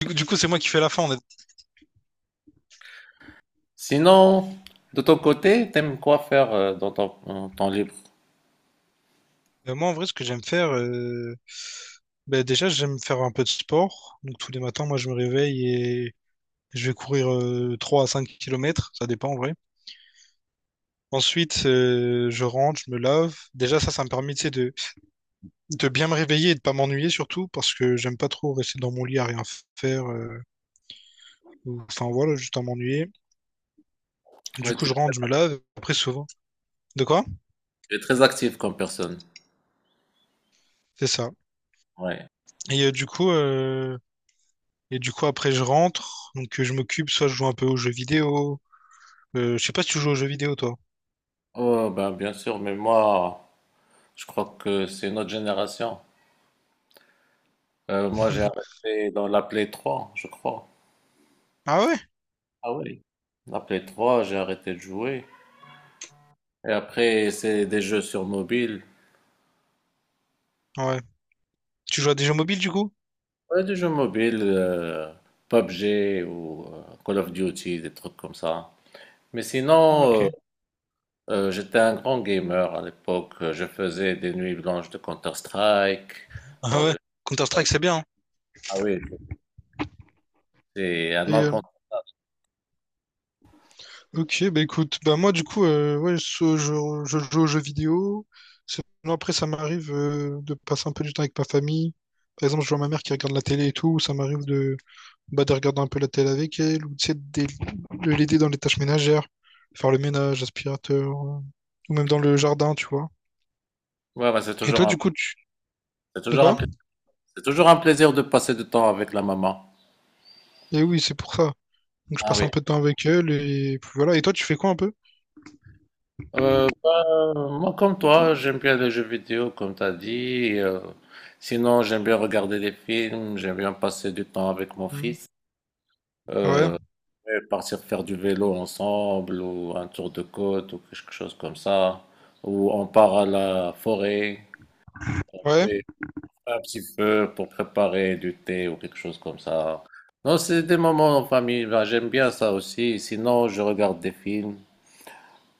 Du coup, c'est moi qui fais la fin en fait. Sinon, de ton côté, t'aimes quoi faire dans ton en temps libre? Moi, en vrai, ce que j'aime faire, ben, déjà, j'aime faire un peu de sport. Donc, tous les matins, moi, je me réveille et je vais courir 3 à 5 kilomètres. Ça dépend, en vrai. Ensuite, je rentre, je me lave. Déjà, ça me permet, tu sais, de bien me réveiller et de pas m'ennuyer, surtout, parce que j'aime pas trop rester dans mon lit à rien faire. Enfin, voilà, juste à m'ennuyer. Du Ouais, coup, tu je rentre, je me lave. Après, souvent. De quoi? tu es très actif comme personne. C'est ça. Ouais. Et euh, du coup, euh, et du coup, après, je rentre. Donc, je m'occupe, soit je joue un peu aux jeux vidéo. Je sais pas si tu joues aux jeux vidéo, toi. Oh, ben, bien sûr, mais moi, je crois que c'est une autre génération. Moi, j'ai arrêté dans la Play 3, je crois. Ah ouais? Ah oui. La Play 3, j'ai arrêté de jouer. Et après, c'est des jeux sur mobile. Ouais. Tu joues à des jeux mobiles, du coup? Ouais, des jeux mobiles, PUBG ou Call of Duty, des trucs comme ça. Mais Ah, Ok. sinon, j'étais un grand gamer à l'époque. Je faisais des nuits blanches de Counter-Strike. Ah Bon, ouais. Counter-Strike, c'est bien, hein. Ah oui, c'est un Et euh, encant- ok, bah écoute, bah moi du coup, ouais, je joue aux jeux vidéo. Sinon, après, ça m'arrive de passer un peu du temps avec ma famille. Par exemple, je vois ma mère qui regarde la télé et tout. Ça m'arrive de, bah, de regarder un peu la télé avec elle ou tu sais, de l'aider dans les tâches ménagères, faire le ménage, aspirateur, ou même dans le jardin, tu vois. Ouais, ouais, Et toi, du coup, tu... c'est De toujours un... quoi? pla- c'est toujours un plaisir de passer du temps avec la maman. Et oui, c'est pour ça. Donc je Ah passe oui. un peu de temps avec elle et puis voilà. Et toi, tu fais quoi un peu? Bah, moi, comme toi, j'aime bien les jeux vidéo, comme tu as dit. Sinon, j'aime bien regarder des films. J'aime bien passer du temps avec mon Hmm. fils. Ouais, Euh, Et partir faire du vélo ensemble ou un tour de côte ou quelque chose comme ça. Ou on part à la forêt ouais, et un petit peu pour préparer du thé ou quelque chose comme ça. Non, c'est des moments en famille. Ben, j'aime bien ça aussi. Sinon, je regarde des films.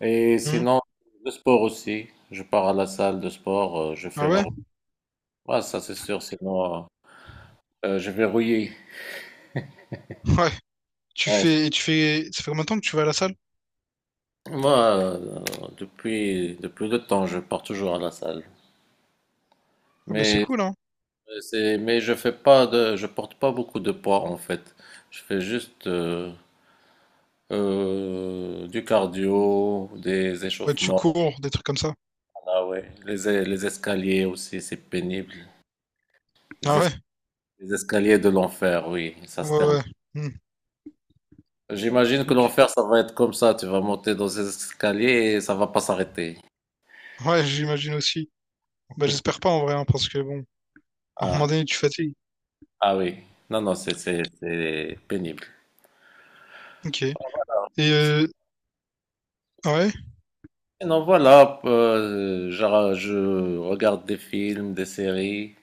Et hmm. sinon, le sport aussi. Je pars à la salle de sport, je fais Ah ma ouais, routine. Ouais, ça c'est sûr, sinon je vais rouiller. ouais. Tu Ouais. fais, et tu fais, Ça fait combien de temps que tu vas à la salle? Moi, depuis le temps, je pars toujours à la salle. Ah bah c'est Mais cool, hein? Mais je fais pas de, je porte pas beaucoup de poids en fait. Je fais juste du cardio, des Ouais, tu échauffements, cours, des trucs comme ça. ah ouais. Les escaliers aussi, c'est pénible. Les, Ah es- ouais, les escaliers de l'enfer, oui, ça se ouais, termine. ouais. Hmm. J'imagine que Ok. l'enfer, ça va être comme ça. Tu vas monter dans ces escaliers et ça va pas s'arrêter. Ouais, j'imagine aussi. Bah j'espère pas en vrai, hein, parce que bon, à un moment Ah, donné, tu fatigues. ah oui. Non, non, c'est pénible. Ok. Euh, ouais. Non voilà, je regarde des films, des séries.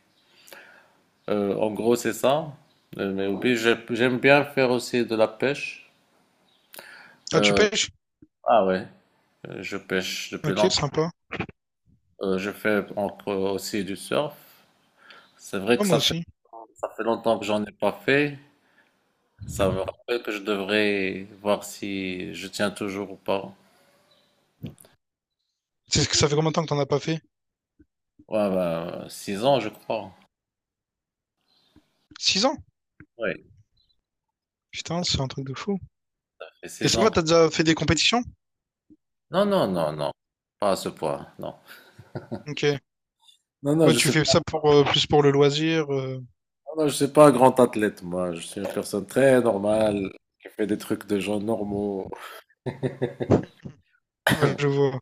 En gros, c'est ça. Mais oui, j'aime bien faire aussi de la pêche. Ah, tu Euh, pêches? ah ouais, je pêche depuis Ok, longtemps. sympa. Je fais encore aussi du surf. C'est vrai Ah, que moi aussi. ça fait longtemps que j'en ai pas fait. Ça me rappelle que je devrais voir si je tiens toujours ou pas. C'est ce que ça fait combien de temps que t'en as pas fait? Ouais, bah, 6 ans, je crois. 6 ans? Oui, Putain, ça c'est un truc de fou. fait Et six ça ans. va, que- t'as déjà fait des compétitions? Non, non, non, non. Pas à ce point, non. Ok. Non, non, Ouais, je tu sais fais pas, ça pour plus pour le loisir. Non, je suis pas un grand athlète, moi. Je suis une personne très normale qui fait des trucs de gens normaux. Ouais, je vois.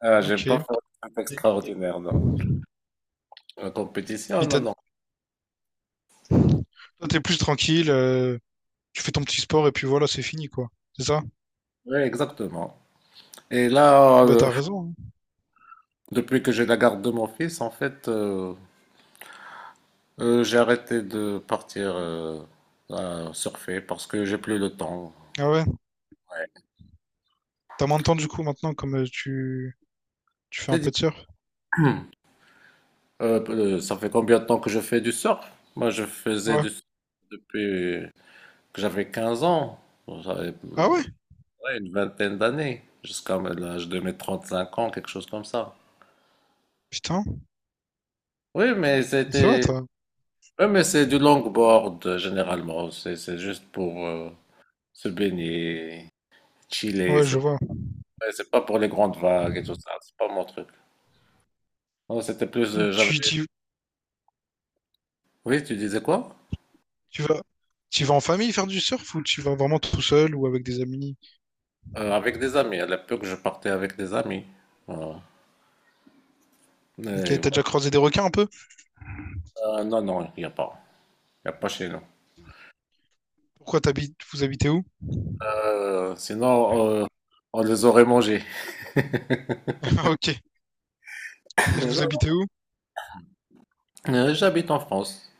Ah, j'ai Ok. pas fait un truc extraordinaire, non. La compétition, Mais non, non. toi, t'es plus tranquille, tu fais ton petit sport et puis voilà, c'est fini, quoi. C'est ça? Oui, exactement. Et là, Bah, t'as raison, hein. depuis que j'ai la garde de mon fils, en fait, j'ai arrêté de partir à surfer parce que j'ai plus le temps. Ah ouais? Ouais. T'as moins de temps, du coup, maintenant, comme tu Je fais t'ai un dit, peu de surf? Ça fait combien de temps que je fais du surf? Moi, je faisais Ouais. du surf depuis que j'avais 15 ans. J'avais, Ah ouais? ouais, une vingtaine d'années, jusqu'à l'âge de mes 35 ans, quelque chose comme ça. Putain. Oui, mais Ça va, c'était toi? Ouais, mais c'est du longboard généralement. C'est juste pour se baigner, chiller. Ouais, je vois. C'est pas pour les grandes vagues et tout ça. C'est pas mon truc. Non, c'était plus. Ouais, J'avais. Oui, tu disais quoi? tu vas, tu vas en famille faire du surf ou tu vas vraiment tout seul ou avec des amis? Avec des amis. À l'époque, je partais avec des amis. Voilà. Ok, Mais t'as déjà croisé des requins un peu? voilà, non, non, il n'y a pas. Il n'y a pas chez nous. Vous habitez où? Euh, sinon, euh, on les aurait mangés. Ah, ok. Mais vous Non, habitez où? J'habite en France.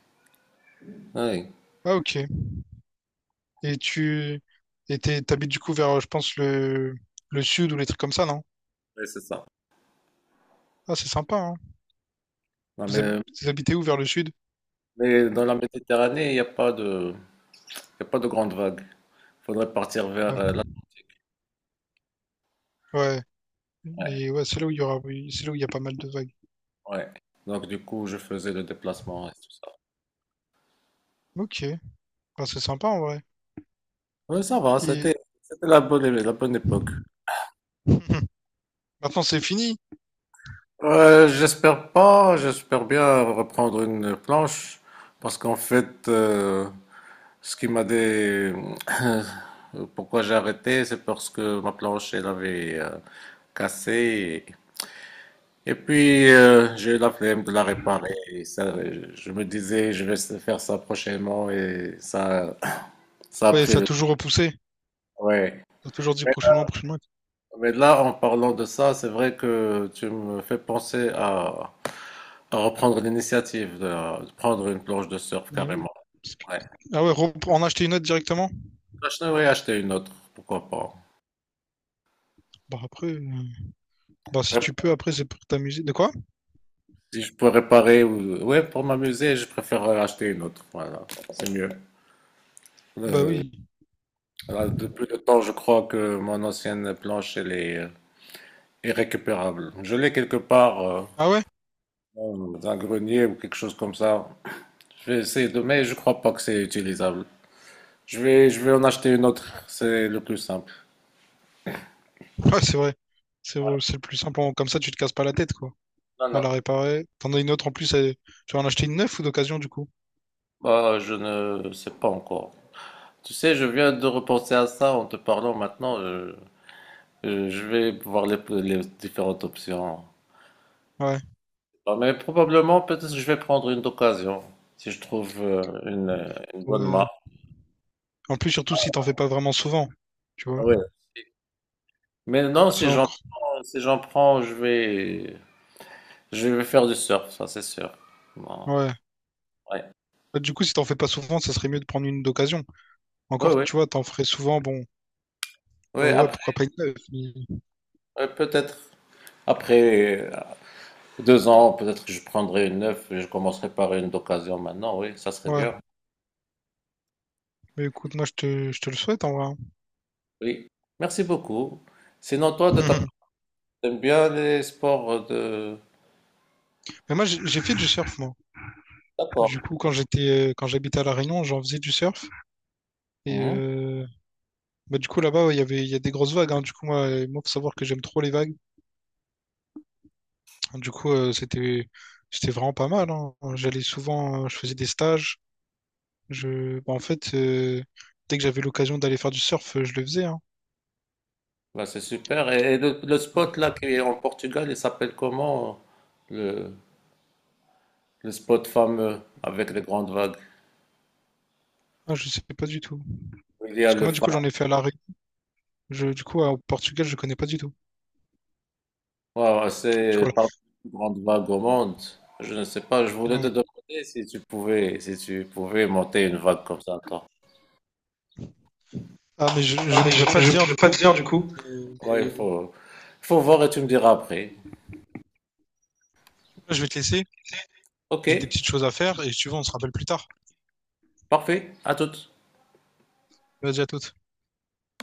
Oui, Ah, ok. Et tu et t'habites du coup vers, je pense, le sud ou les trucs comme ça, non? oui, c'est ça. Ah, c'est sympa, hein. Non, Vous, hab- vous habitez où vers le sud? mais dans la Méditerranée, il y a pas de grandes vagues. Faudrait partir vers Ouais. Là. Ouais. Ouais, Et ouais, c'est là où il y aura, oui, c'est là où il y a pas mal de vagues. ouais. Donc du coup, je faisais le déplacement et tout ça. Ok. Bah, c'est sympa, en vrai. Ouais, ça va, Et c'était la la bonne époque. maintenant, c'est fini. J'espère pas, j'espère bien reprendre une planche parce qu'en fait, ce qui m'a dé... pourquoi j'ai arrêté, c'est parce que ma planche elle avait cassé et puis j'ai eu la flemme de la réparer. Et ça, je me disais, je vais faire ça prochainement et ça, ça a Ouais, pris ça a le toujours repoussé. Ouais. Ça a toujours dit Mais prochainement, prochainement. mais là, en parlant de ça, c'est vrai que tu me fais penser à reprendre l'initiative de prendre une planche de surf Eh oui. carrément. Parce que- Ouais. Ah ouais, en acheter une autre directement? Je devrais acheter une autre, pourquoi pas. Bah, après, bah, si tu Rép- peux, après, c'est pour t'amuser. De quoi? Si je peux réparer ou ouais, pour m'amuser, je préfère acheter une autre. Voilà, c'est mieux. Bah Euh, oui. là, depuis le temps, je crois que mon ancienne planche, elle est irrécupérable. Je l'ai quelque part Ah ouais? dans un grenier ou quelque chose comme ça. Je vais essayer de, mais je crois pas que c'est utilisable. Je vais en acheter une autre, c'est le plus simple. Ouais, c'est vrai. C'est vrai, c'est le plus simple. Comme ça, tu te casses pas la tête, quoi. Non, À non, la réparer. T'en as une autre en plus. Tu vas en acheter une neuve ou d'occasion, du coup? bah, je ne sais pas encore. Tu sais, je viens de repenser à ça en te parlant maintenant. Je vais voir les différentes options. Ouais. Bah, mais probablement, peut-être que je vais prendre une d'occasion, si je trouve une bonne Ouais. marque. En plus, surtout si t'en fais pas vraiment souvent. Tu Ah vois? ouais. Mais non, C'est encore. Si j'en prends, je vais faire du surf, ça c'est sûr. Bon, Ouais. ouais. Bah, du coup, si t'en fais pas souvent, ça serait mieux de prendre une d'occasion. Oui, Encore, oui. tu vois, t'en ferais souvent, bon, Oui, ouais, après, pourquoi pas une neuve? Ouais, peut-être. Après, 2 ans, peut-être que je prendrai une neuf et je commencerai par une d'occasion maintenant, oui, ça serait Ouais. bien. Mais écoute, moi, je te le souhaite, en vrai, hein. Oui, merci beaucoup. Sinon, toi, de ta part, t'aimes bien les sports de... Mais moi, j'ai fait du surf, moi. D'accord. Du coup, quand j'habitais à La Réunion, j'en faisais du surf. Et Mhm. euh, Bah, du coup, là-bas, ouais, il y a des grosses vagues, hein. Du coup, moi, faut savoir que j'aime trop les vagues. Du coup, c'était vraiment pas mal, hein. J'allais souvent, je faisais des stages. Bah, en fait, dès que j'avais l'occasion d'aller faire du surf, je le faisais, hein. Bah, c'est super. Et le spot là qui est en Portugal, il s'appelle comment le, le spot fameux avec les grandes vagues? Ah, je sais pas du tout. Il y Parce a que le moi, du coup, j'en phare. ai fait à l'arrêt. Du coup, au Portugal, je connais pas du tout. Wow, Du c'est coup, parmi les plus grandes vagues au monde. Je ne sais pas, je voulais voilà. te Ouais. demander si tu pouvais, si tu pouvais monter une vague comme ça, toi. Ah, mais je, Ah, je mais je pourrais pas te ne dire, pourrais du pas te coup. dire du coup. Euh, Ouais, il faut, faut voir et tu me diras après. Là, je vais te laisser. Ok, J'ai des petites choses à faire et si tu veux, on se rappelle plus tard. parfait, à toutes. Vas-y, à toutes.